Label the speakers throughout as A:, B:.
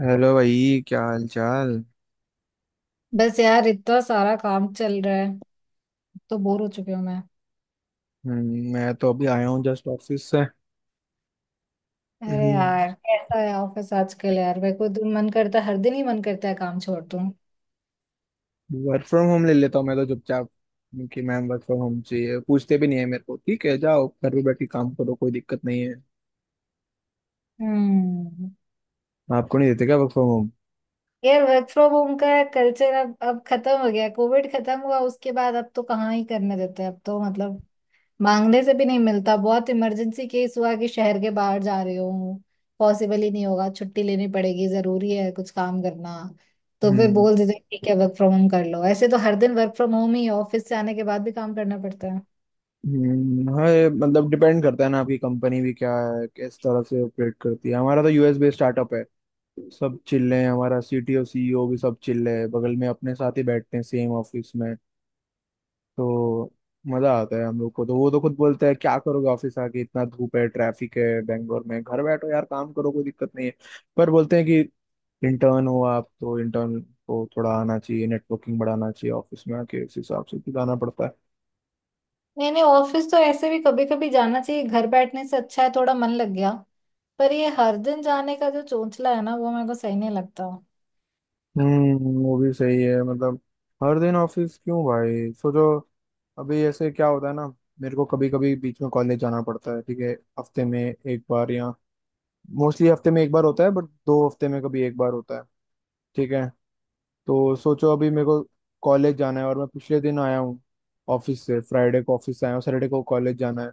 A: Hello भाई, क्या हाल चाल।
B: बस यार इतना सारा काम चल रहा है तो बोर हो चुकी हूँ मैं।
A: मैं तो अभी आया हूँ जस्ट ऑफिस से।
B: अरे यार कैसा है ऑफिस आजकल। यार मेरे को दिन मन करता है हर दिन ही मन करता है काम छोड़ दूं।
A: वर्क फ्रॉम होम ले लेता हूँ मैं तो चुपचाप कि मैम वर्क फ्रॉम होम चाहिए। पूछते भी नहीं है मेरे को, ठीक है जाओ घर पे बैठ के काम करो, कोई दिक्कत नहीं है।
B: हम्म।
A: आपको नहीं देते क्या वर्क फ्रॉम होम?
B: यार वर्क फ्रॉम होम का कल्चर अब खत्म हो गया। कोविड खत्म हुआ उसके बाद अब तो कहाँ ही करने देते हैं। अब तो मतलब मांगने से भी नहीं मिलता। बहुत इमरजेंसी केस हुआ कि शहर के बाहर जा रहे हो पॉसिबल ही नहीं होगा छुट्टी लेनी पड़ेगी जरूरी है कुछ काम करना तो फिर
A: हम्म।
B: बोल देते हैं, ठीक है वर्क फ्रॉम होम कर लो। ऐसे तो हर दिन वर्क फ्रॉम होम ही ऑफिस से आने के बाद भी काम करना पड़ता है।
A: हाँ ये मतलब डिपेंड करता है ना आपकी कंपनी भी क्या है, किस तरह से ऑपरेट करती है। हमारा तो यूएस बेस्ड स्टार्टअप है। सब चिल्ले हैं, हमारा सीटीओ सीईओ भी सब चिल्ले है, बगल में अपने साथ ही बैठते हैं सेम ऑफिस में। तो मजा आता है हम लोग को। तो वो तो खुद बोलते हैं क्या करोगे ऑफिस आके, इतना धूप है, ट्रैफिक है बैंगलोर में, घर बैठो यार काम करो, कोई दिक्कत नहीं है। पर बोलते हैं कि इंटर्न हो आप तो इंटर्न को थोड़ा आना चाहिए, नेटवर्किंग बढ़ाना चाहिए ऑफिस में आके। उस हिसाब से भी जाना पड़ता है।
B: नहीं नहीं ऑफिस तो ऐसे भी कभी कभी जाना चाहिए, घर बैठने से अच्छा है थोड़ा मन लग गया। पर ये हर दिन जाने का जो चोंचला है ना वो मेरे को सही नहीं लगता।
A: हम्म, वो भी सही है। मतलब हर दिन ऑफिस क्यों भाई, सोचो। अभी ऐसे क्या होता है ना, मेरे को कभी कभी बीच में कॉलेज जाना पड़ता है, ठीक है हफ्ते में 1 बार, या मोस्टली हफ्ते में 1 बार होता है, बट 2 हफ्ते में कभी 1 बार होता है ठीक है। तो सोचो अभी मेरे को कॉलेज जाना है और मैं पिछले दिन आया हूँ ऑफिस से, फ्राइडे को ऑफिस से आया हूँ, सैटरडे को कॉलेज जाना है।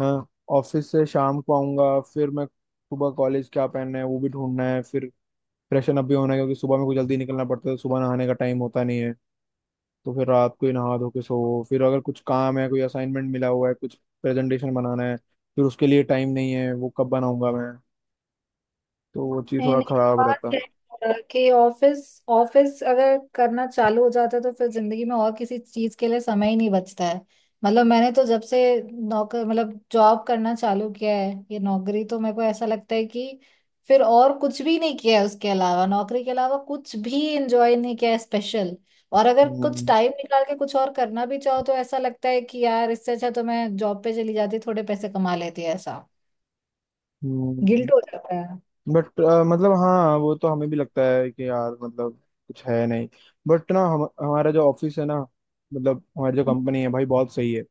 A: हाँ, ऑफिस से शाम को आऊंगा, फिर मैं सुबह कॉलेज क्या पहनना है वो भी ढूंढना है, फिर फ्रेशन अप भी होना है क्योंकि सुबह में को जल्दी निकलना पड़ता है, तो सुबह नहाने का टाइम होता नहीं है। तो फिर रात को ही नहा धो के सो, फिर अगर कुछ काम है कोई असाइनमेंट मिला हुआ है, कुछ प्रेजेंटेशन बनाना है, फिर उसके लिए टाइम नहीं है, वो कब बनाऊंगा मैं। तो वो चीज़
B: नहीं
A: थोड़ा
B: नहीं
A: खराब रहता
B: बात
A: है।
B: है। कि ऑफिस ऑफिस अगर करना चालू हो जाता है तो फिर जिंदगी में और किसी चीज के लिए समय ही नहीं बचता है। मतलब मैंने तो जब से नौकर मतलब जॉब करना चालू किया है ये नौकरी, तो मेरे को ऐसा लगता है कि फिर और कुछ भी नहीं किया है उसके अलावा, नौकरी के अलावा कुछ भी एंजॉय नहीं किया है स्पेशल। और अगर कुछ
A: हम्म।
B: टाइम निकाल के कुछ और करना भी चाहो तो ऐसा लगता है कि यार इससे अच्छा तो मैं जॉब पे चली जाती थोड़े पैसे कमा लेती, ऐसा
A: हम्म,
B: गिल्ट हो जाता है।
A: बट मतलब हाँ वो तो हमें भी लगता है कि यार मतलब कुछ है नहीं। बट ना, हम हमारा जो ऑफिस है ना, मतलब हमारी जो कंपनी है भाई, बहुत सही है।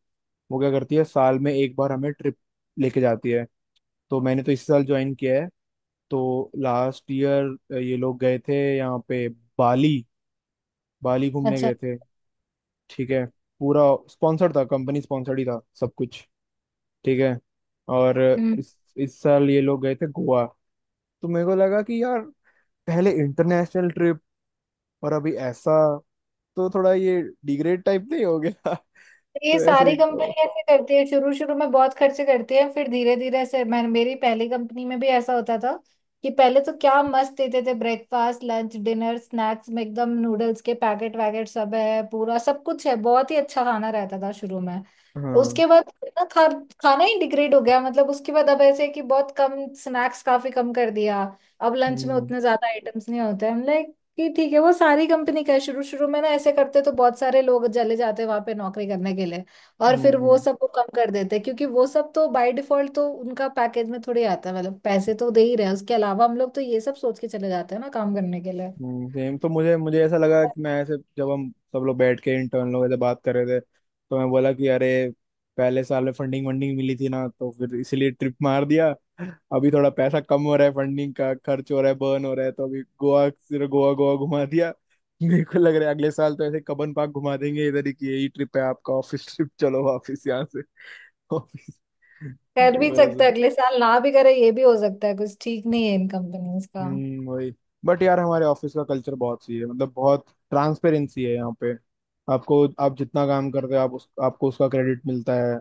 A: वो क्या करती है, साल में 1 बार हमें ट्रिप लेके जाती है। तो मैंने तो इस साल ज्वाइन किया है, तो लास्ट ईयर ये लोग गए थे यहाँ पे, बाली। बाली घूमने
B: अच्छा।
A: गए थे ठीक है। पूरा स्पॉन्सर्ड था, कंपनी स्पॉन्सर्ड ही था सब कुछ, ठीक है। और
B: हम्म।
A: इस साल ये लोग गए थे गोवा। तो मेरे को लगा कि यार, पहले इंटरनेशनल ट्रिप और अभी ऐसा, तो थोड़ा ये डिग्रेड टाइप नहीं हो गया?
B: तो ये
A: तो ऐसे
B: सारी कंपनी
A: एक-
B: ऐसे करती है, शुरू शुरू में बहुत खर्चे करती है फिर धीरे धीरे ऐसे। मैं मेरी पहली कंपनी में भी ऐसा होता था कि पहले तो क्या मस्त देते थे ब्रेकफास्ट लंच डिनर स्नैक्स में एकदम, नूडल्स के पैकेट वैकेट सब है, पूरा सब कुछ है, बहुत ही अच्छा खाना रहता था शुरू में।
A: हाँ।
B: उसके बाद ना खा, खाना ही डिग्रेड हो गया, मतलब उसके बाद अब ऐसे है कि बहुत कम स्नैक्स, काफी कम कर दिया। अब लंच में
A: हम्म।
B: उतने ज्यादा आइटम्स नहीं होते हैं। ये ठीक है, वो सारी कंपनी का है। शुरू शुरू में ना ऐसे करते तो बहुत सारे लोग चले जाते वहां पे नौकरी करने के लिए, और
A: हम्म।
B: फिर वो
A: हम्म।
B: सब को कम कर देते क्योंकि वो सब तो बाय डिफॉल्ट तो उनका पैकेज में थोड़ी आता है। मतलब पैसे तो दे ही रहे हैं, उसके अलावा हम लोग तो ये सब सोच के चले जाते हैं ना काम करने के लिए।
A: सेम। तो मुझे मुझे ऐसा लगा कि मैं ऐसे, जब हम सब लोग बैठ के इंटर्न लोग ऐसे बात कर रहे थे, तो मैं बोला कि अरे पहले साल में फंडिंग वंडिंग मिली थी ना, तो फिर इसीलिए ट्रिप मार दिया। अभी थोड़ा पैसा कम हो रहा है, फंडिंग का खर्च हो रहा है, बर्न हो रहा है, तो अभी गोवा, सिर्फ गोवा गोवा घुमा दिया। मेरे को लग रहा है अगले साल तो ऐसे कबन पार्क घुमा देंगे इधर ही, कि यही ट्रिप है आपका ऑफिस ट्रिप, चलो वापिस यहाँ से ऑफिस।
B: कर
A: तो
B: भी सकते
A: वैसा।
B: हैं, अगले साल ना भी करे ये भी हो सकता है, कुछ ठीक नहीं है इन कंपनीज का।
A: हम्म, वही। बट यार हमारे ऑफिस का कल्चर बहुत सही है, मतलब बहुत ट्रांसपेरेंसी है यहाँ पे। आपको, आप जितना काम करते हो आप उस आपको उसका क्रेडिट मिलता है।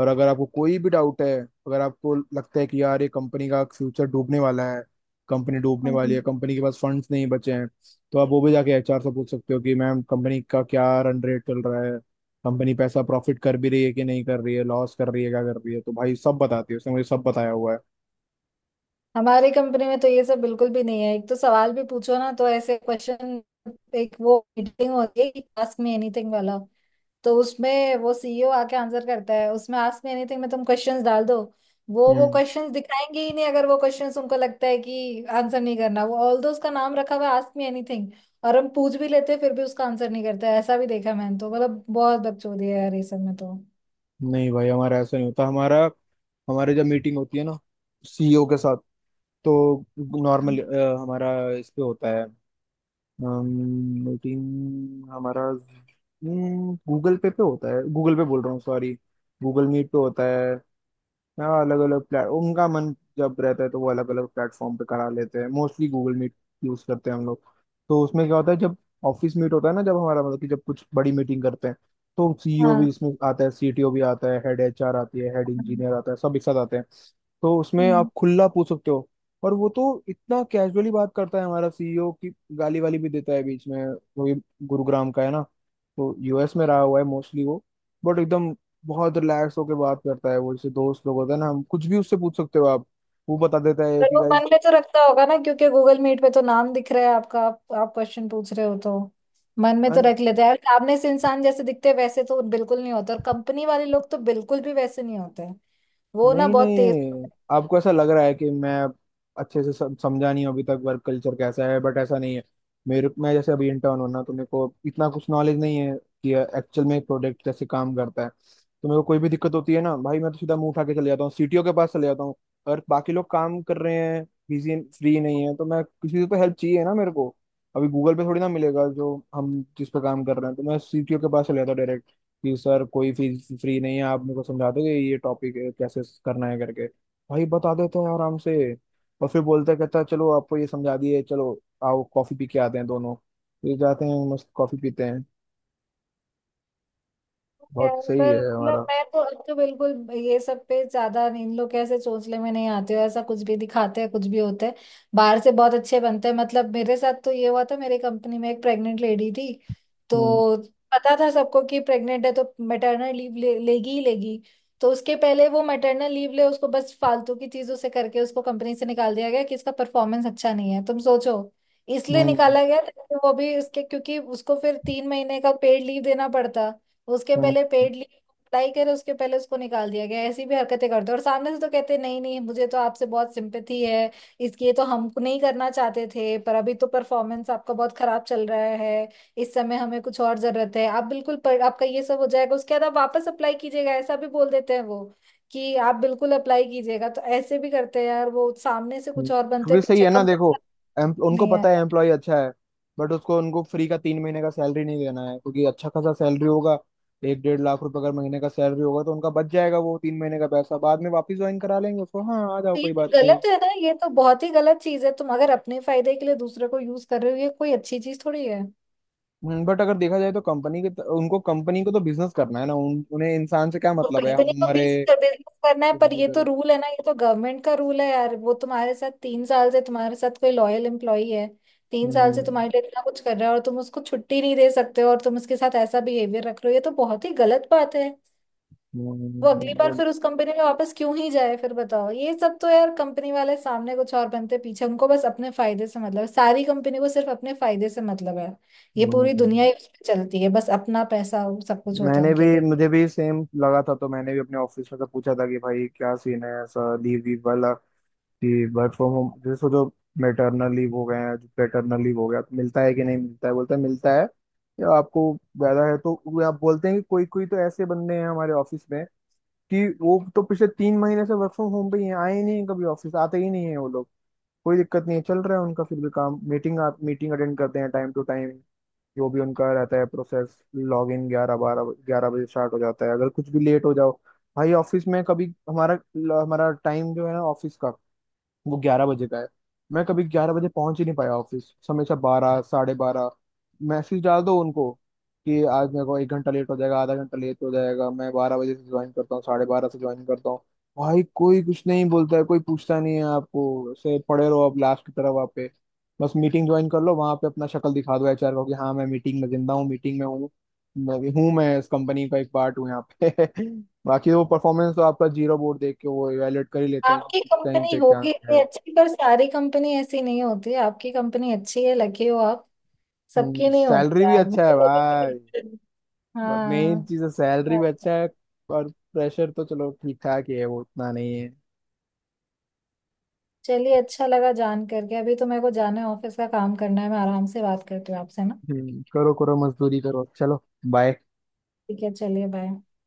A: और अगर आपको कोई भी डाउट है, अगर आपको लगता है कि यार ये कंपनी का फ्यूचर डूबने वाला है, कंपनी डूबने वाली है, कंपनी के पास फंड्स नहीं बचे हैं, तो आप वो भी जाके एचआर से पूछ सकते हो कि मैम कंपनी का क्या रन रेट चल रहा है, कंपनी पैसा प्रॉफिट कर भी रही है कि नहीं कर रही है, लॉस कर रही है, क्या कर रही है। तो भाई सब बताती है, उसने मुझे सब बताया हुआ है।
B: हमारी कंपनी में तो ये सब बिल्कुल भी नहीं है। एक तो सवाल भी पूछो ना तो ऐसे क्वेश्चन। एक वो मीटिंग होती है आस्क मी एनीथिंग वाला, तो उसमें वो सीईओ आके आंसर करता है। उसमें आस्क मी एनीथिंग में तुम क्वेश्चंस डाल दो, वो
A: हम्म।
B: क्वेश्चंस दिखाएंगे ही नहीं अगर वो क्वेश्चंस उनको लगता है कि आंसर नहीं करना। वो ऑल दो, उसका नाम रखा हुआ है आस्क मी एनीथिंग। और हम पूछ भी लेते हैं फिर भी उसका आंसर नहीं करता है, ऐसा भी देखा है मैंने तो। मतलब बहुत बकचोदी है यार ये सब में तो।
A: नहीं भाई हमारा ऐसा नहीं होता। हमारा, हमारे जब मीटिंग होती है ना सीईओ के साथ, तो नॉर्मल हमारा इस पे होता है, मीटिंग हमारा गूगल पे पे होता है, गूगल पे बोल रहा हूँ सॉरी, गूगल मीट पे होता है। हाँ, अलग अलग प्लेट, उनका मन जब रहता है तो वो अलग अलग प्लेटफॉर्म पे करा लेते हैं। मोस्टली गूगल मीट यूज करते हैं हम लोग। तो उसमें क्या होता है, जब ऑफिस मीट होता है ना, जब हमारा मतलब कि जब कुछ बड़ी मीटिंग करते हैं, तो सीईओ
B: हाँ।
A: भी इसमें आता है, सीटीओ भी आता है, हेड एचआर आती है, हेड
B: हाँ।
A: इंजीनियर आता है, सब एक साथ आते हैं। तो उसमें
B: हम्म।
A: आप खुला पूछ सकते हो। और वो तो इतना कैजुअली बात करता है हमारा सीईओ की गाली वाली भी देता है बीच में। वो भी गुरुग्राम का है ना, तो यूएस में रहा हुआ है मोस्टली वो। बट एकदम बहुत रिलैक्स होकर बात करता है वो, जैसे दोस्त लोग होता है ना, हम कुछ भी उससे पूछ सकते हो आप, वो बता देता है
B: पर
A: कि
B: वो
A: गाइस।
B: मन में तो रखता होगा ना, क्योंकि गूगल मीट पे तो नाम दिख रहा है आपका। आप क्वेश्चन पूछ रहे हो तो मन में तो रख लेते हैं यार। सामने से इंसान जैसे दिखते हैं, वैसे तो बिल्कुल नहीं होते, और कंपनी वाले लोग तो बिल्कुल भी वैसे नहीं होते। वो ना
A: नहीं
B: बहुत तेज
A: नहीं, आपको ऐसा लग रहा है कि मैं अच्छे से समझा नहीं हूं अभी तक वर्क कल्चर कैसा है, बट ऐसा नहीं है। मेरे, मैं जैसे अभी इंटर्न हूं ना, तो मेरे को इतना कुछ नॉलेज नहीं है कि एक्चुअल में प्रोडक्ट कैसे काम करता है, तो मेरे को कोई भी दिक्कत होती है ना भाई, मैं तो सीधा मुंह उठा के चले जाता हूँ, सीटीओ के पास चले जाता हूँ। और बाकी लोग काम कर रहे हैं, बिजी, फ्री नहीं है, तो मैं किसी से तो हेल्प चाहिए ना मेरे को, अभी गूगल पे थोड़ी ना मिलेगा जो हम जिस पे काम कर रहे हैं, तो मैं सीटीओ के पास चले जाता हूँ कि सर कोई फीस फ्री नहीं है, आप मेरे को समझा दोगे ये टॉपिक कैसे करना है करके। भाई बता देते हैं आराम से। और फिर बोलता कहता है चलो आपको ये समझा दिए, चलो आओ कॉफी पी के आते हैं दोनों। फिर जाते हैं मस्त कॉफी पीते हैं।
B: है।
A: बहुत सही
B: पर
A: है
B: मतलब
A: हमारा।
B: मैं तो अब तो बिल्कुल ये सब पे ज्यादा, इन लोग कैसे चोंचले में नहीं आते हो। ऐसा कुछ भी दिखाते हैं कुछ भी होते हैं, बाहर से बहुत अच्छे बनते हैं। मतलब मेरे साथ तो ये हुआ था, मेरी कंपनी में एक प्रेग्नेंट लेडी थी,
A: हम्म।
B: तो पता था सबको कि प्रेग्नेंट है तो मैटरनल लीव लेगी ही लेगी। तो उसके पहले वो मैटरनल लीव ले, उसको बस फालतू की चीजों से करके उसको कंपनी से निकाल दिया गया कि इसका परफॉर्मेंस अच्छा नहीं है, तुम सोचो। इसलिए
A: हम्म।
B: निकाला गया ताकि वो भी उसके, क्योंकि उसको फिर तीन महीने का पेड लीव देना पड़ता। उसके पहले
A: हम्म।
B: पेड लीव अप्लाई करे, उसके पहले उसको निकाल दिया गया। ऐसी भी हरकतें करते हैं। और सामने से तो कहते हैं, नहीं नहीं मुझे तो आपसे बहुत सिंपैथी है, इसलिए तो हम नहीं करना चाहते थे, पर अभी तो परफॉर्मेंस आपका बहुत खराब चल रहा है, इस समय हमें कुछ और जरूरत है। आप बिल्कुल, पर आपका ये सब हो जाएगा उसके बाद आप वापस अप्लाई कीजिएगा, ऐसा भी बोल देते हैं वो, कि आप बिल्कुल अप्लाई कीजिएगा। तो ऐसे भी करते हैं यार, वो सामने से
A: हम्म।
B: कुछ और बनते
A: क्योंकि
B: हैं,
A: सही
B: पीछे
A: है ना देखो,
B: कंपनी।
A: उनको
B: नहीं
A: पता है एम्प्लॉय अच्छा है, बट उसको, उनको फ्री का 3 महीने का सैलरी नहीं देना है, क्योंकि अच्छा खासा सैलरी होगा। 1 से 1.5 लाख रुपए अगर महीने का सैलरी होगा तो उनका बच जाएगा वो 3 महीने का पैसा। बाद में वापस ज्वाइन करा लेंगे उसको, हाँ आ जाओ
B: ये
A: कोई
B: तो
A: बात नहीं।
B: गलत है ना, ये तो बहुत ही गलत चीज है। तुम अगर अपने फायदे के लिए दूसरे को यूज कर रहे हो ये कोई अच्छी चीज थोड़ी है।
A: बट अगर देखा जाए तो कंपनी के, उनको कंपनी को तो बिजनेस करना है ना, उन्हें इंसान से क्या
B: तो
A: मतलब है
B: कंपनी को
A: हमारे।
B: बीस बिजनेस करना है पर ये तो
A: हम्म।
B: रूल है ना, ये तो गवर्नमेंट का रूल है यार। वो तुम्हारे साथ तीन साल से तुम्हारे साथ कोई लॉयल एम्प्लॉई है, तीन साल से तुम्हारे
A: हम्म।
B: लिए इतना कुछ कर रहा है, और तुम उसको छुट्टी नहीं दे सकते हो और तुम उसके साथ ऐसा बिहेवियर रख रहे हो, ये तो बहुत ही गलत बात है। वो अगली बार
A: But-।
B: फिर उस कंपनी में वापस क्यों ही जाए फिर बताओ। ये सब तो यार, कंपनी वाले सामने कुछ और बनते पीछे, उनको बस अपने फायदे से मतलब है, सारी कंपनी को सिर्फ अपने फायदे से मतलब है। ये पूरी दुनिया
A: हम्म।
B: ही उसमें चलती है, बस अपना पैसा वो सब कुछ होता है
A: मैंने भी,
B: उनके लिए।
A: मुझे भी सेम लगा था, तो मैंने भी अपने ऑफिस में से पूछा था कि भाई क्या सीन है ऐसा लीव वीव वाला, कि वर्क फ्रॉम होम जैसे सोचो मेटरनल लीव हो गया है, पेटर्नल लीव हो गया तो मिलता है कि नहीं मिलता है। बोलता है मिलता है या आपको ज्यादा है तो वो, आप बोलते हैं कि कोई, कोई तो ऐसे बंदे हैं हमारे ऑफिस में कि वो तो पिछले 3 महीने से वर्क फ्रॉम होम पे ही हैं, आए ही नहीं हैं कभी, ऑफिस आते ही नहीं है वो लोग। कोई दिक्कत नहीं है, चल रहा है उनका फिर भी काम, मीटिंग आप मीटिंग अटेंड करते हैं टाइम टू टाइम, जो भी उनका रहता है प्रोसेस। लॉग इन 11, 12, 11 बजे स्टार्ट हो जाता है, अगर कुछ भी लेट हो जाओ। भाई ऑफिस में कभी, हमारा हमारा टाइम जो है ना ऑफिस का, वो 11 बजे का है। मैं कभी 11 बजे पहुंच ही नहीं पाया ऑफिस, हमेशा 12, 12:30। मैसेज डाल दो उनको कि आज मेरे को 1 घंटा लेट हो जाएगा, आधा घंटा लेट हो जाएगा, मैं 12 बजे से ज्वाइन करता हूँ, 12:30 से ज्वाइन करता हूँ। भाई कोई कुछ नहीं बोलता है, कोई पूछता नहीं है, आपको ऐसे पड़े रहो आप लास्ट की तरफ वहाँ पे। बस मीटिंग ज्वाइन कर लो वहाँ पे, अपना शक्ल दिखा दो एचआर को कि हाँ मैं मीटिंग में जिंदा हूँ, मीटिंग में हूँ मैं भी हूँ, मैं इस कंपनी का एक पार्ट हूँ यहाँ पे बाकी वो परफॉर्मेंस तो आपका जीरो बोर्ड देख के वो इवेलुएट कर ही लेते हैं कि
B: आपकी
A: किस टाइम
B: कंपनी
A: पे क्या
B: होगी इतनी
A: है।
B: अच्छी पर सारी कंपनी ऐसी नहीं होती। आपकी कंपनी अच्छी है, लकी हो आप।
A: हम्म,
B: सबकी नहीं होती
A: सैलरी भी
B: यार, मैं
A: अच्छा है
B: तो कभी भी
A: भाई,
B: नहीं-
A: मेन
B: हाँ।
A: चीज है। सैलरी भी अच्छा है और प्रेशर तो चलो ठीक ठाक ही है, वो उतना नहीं है।
B: चलिए अच्छा लगा जान करके, अभी तो मेरे को जाना है ऑफिस का काम करना है, मैं आराम से बात करती हूँ आपसे ना।
A: हम्म, करो करो मजदूरी करो, चलो बाय।
B: ठीक है चलिए, बाय।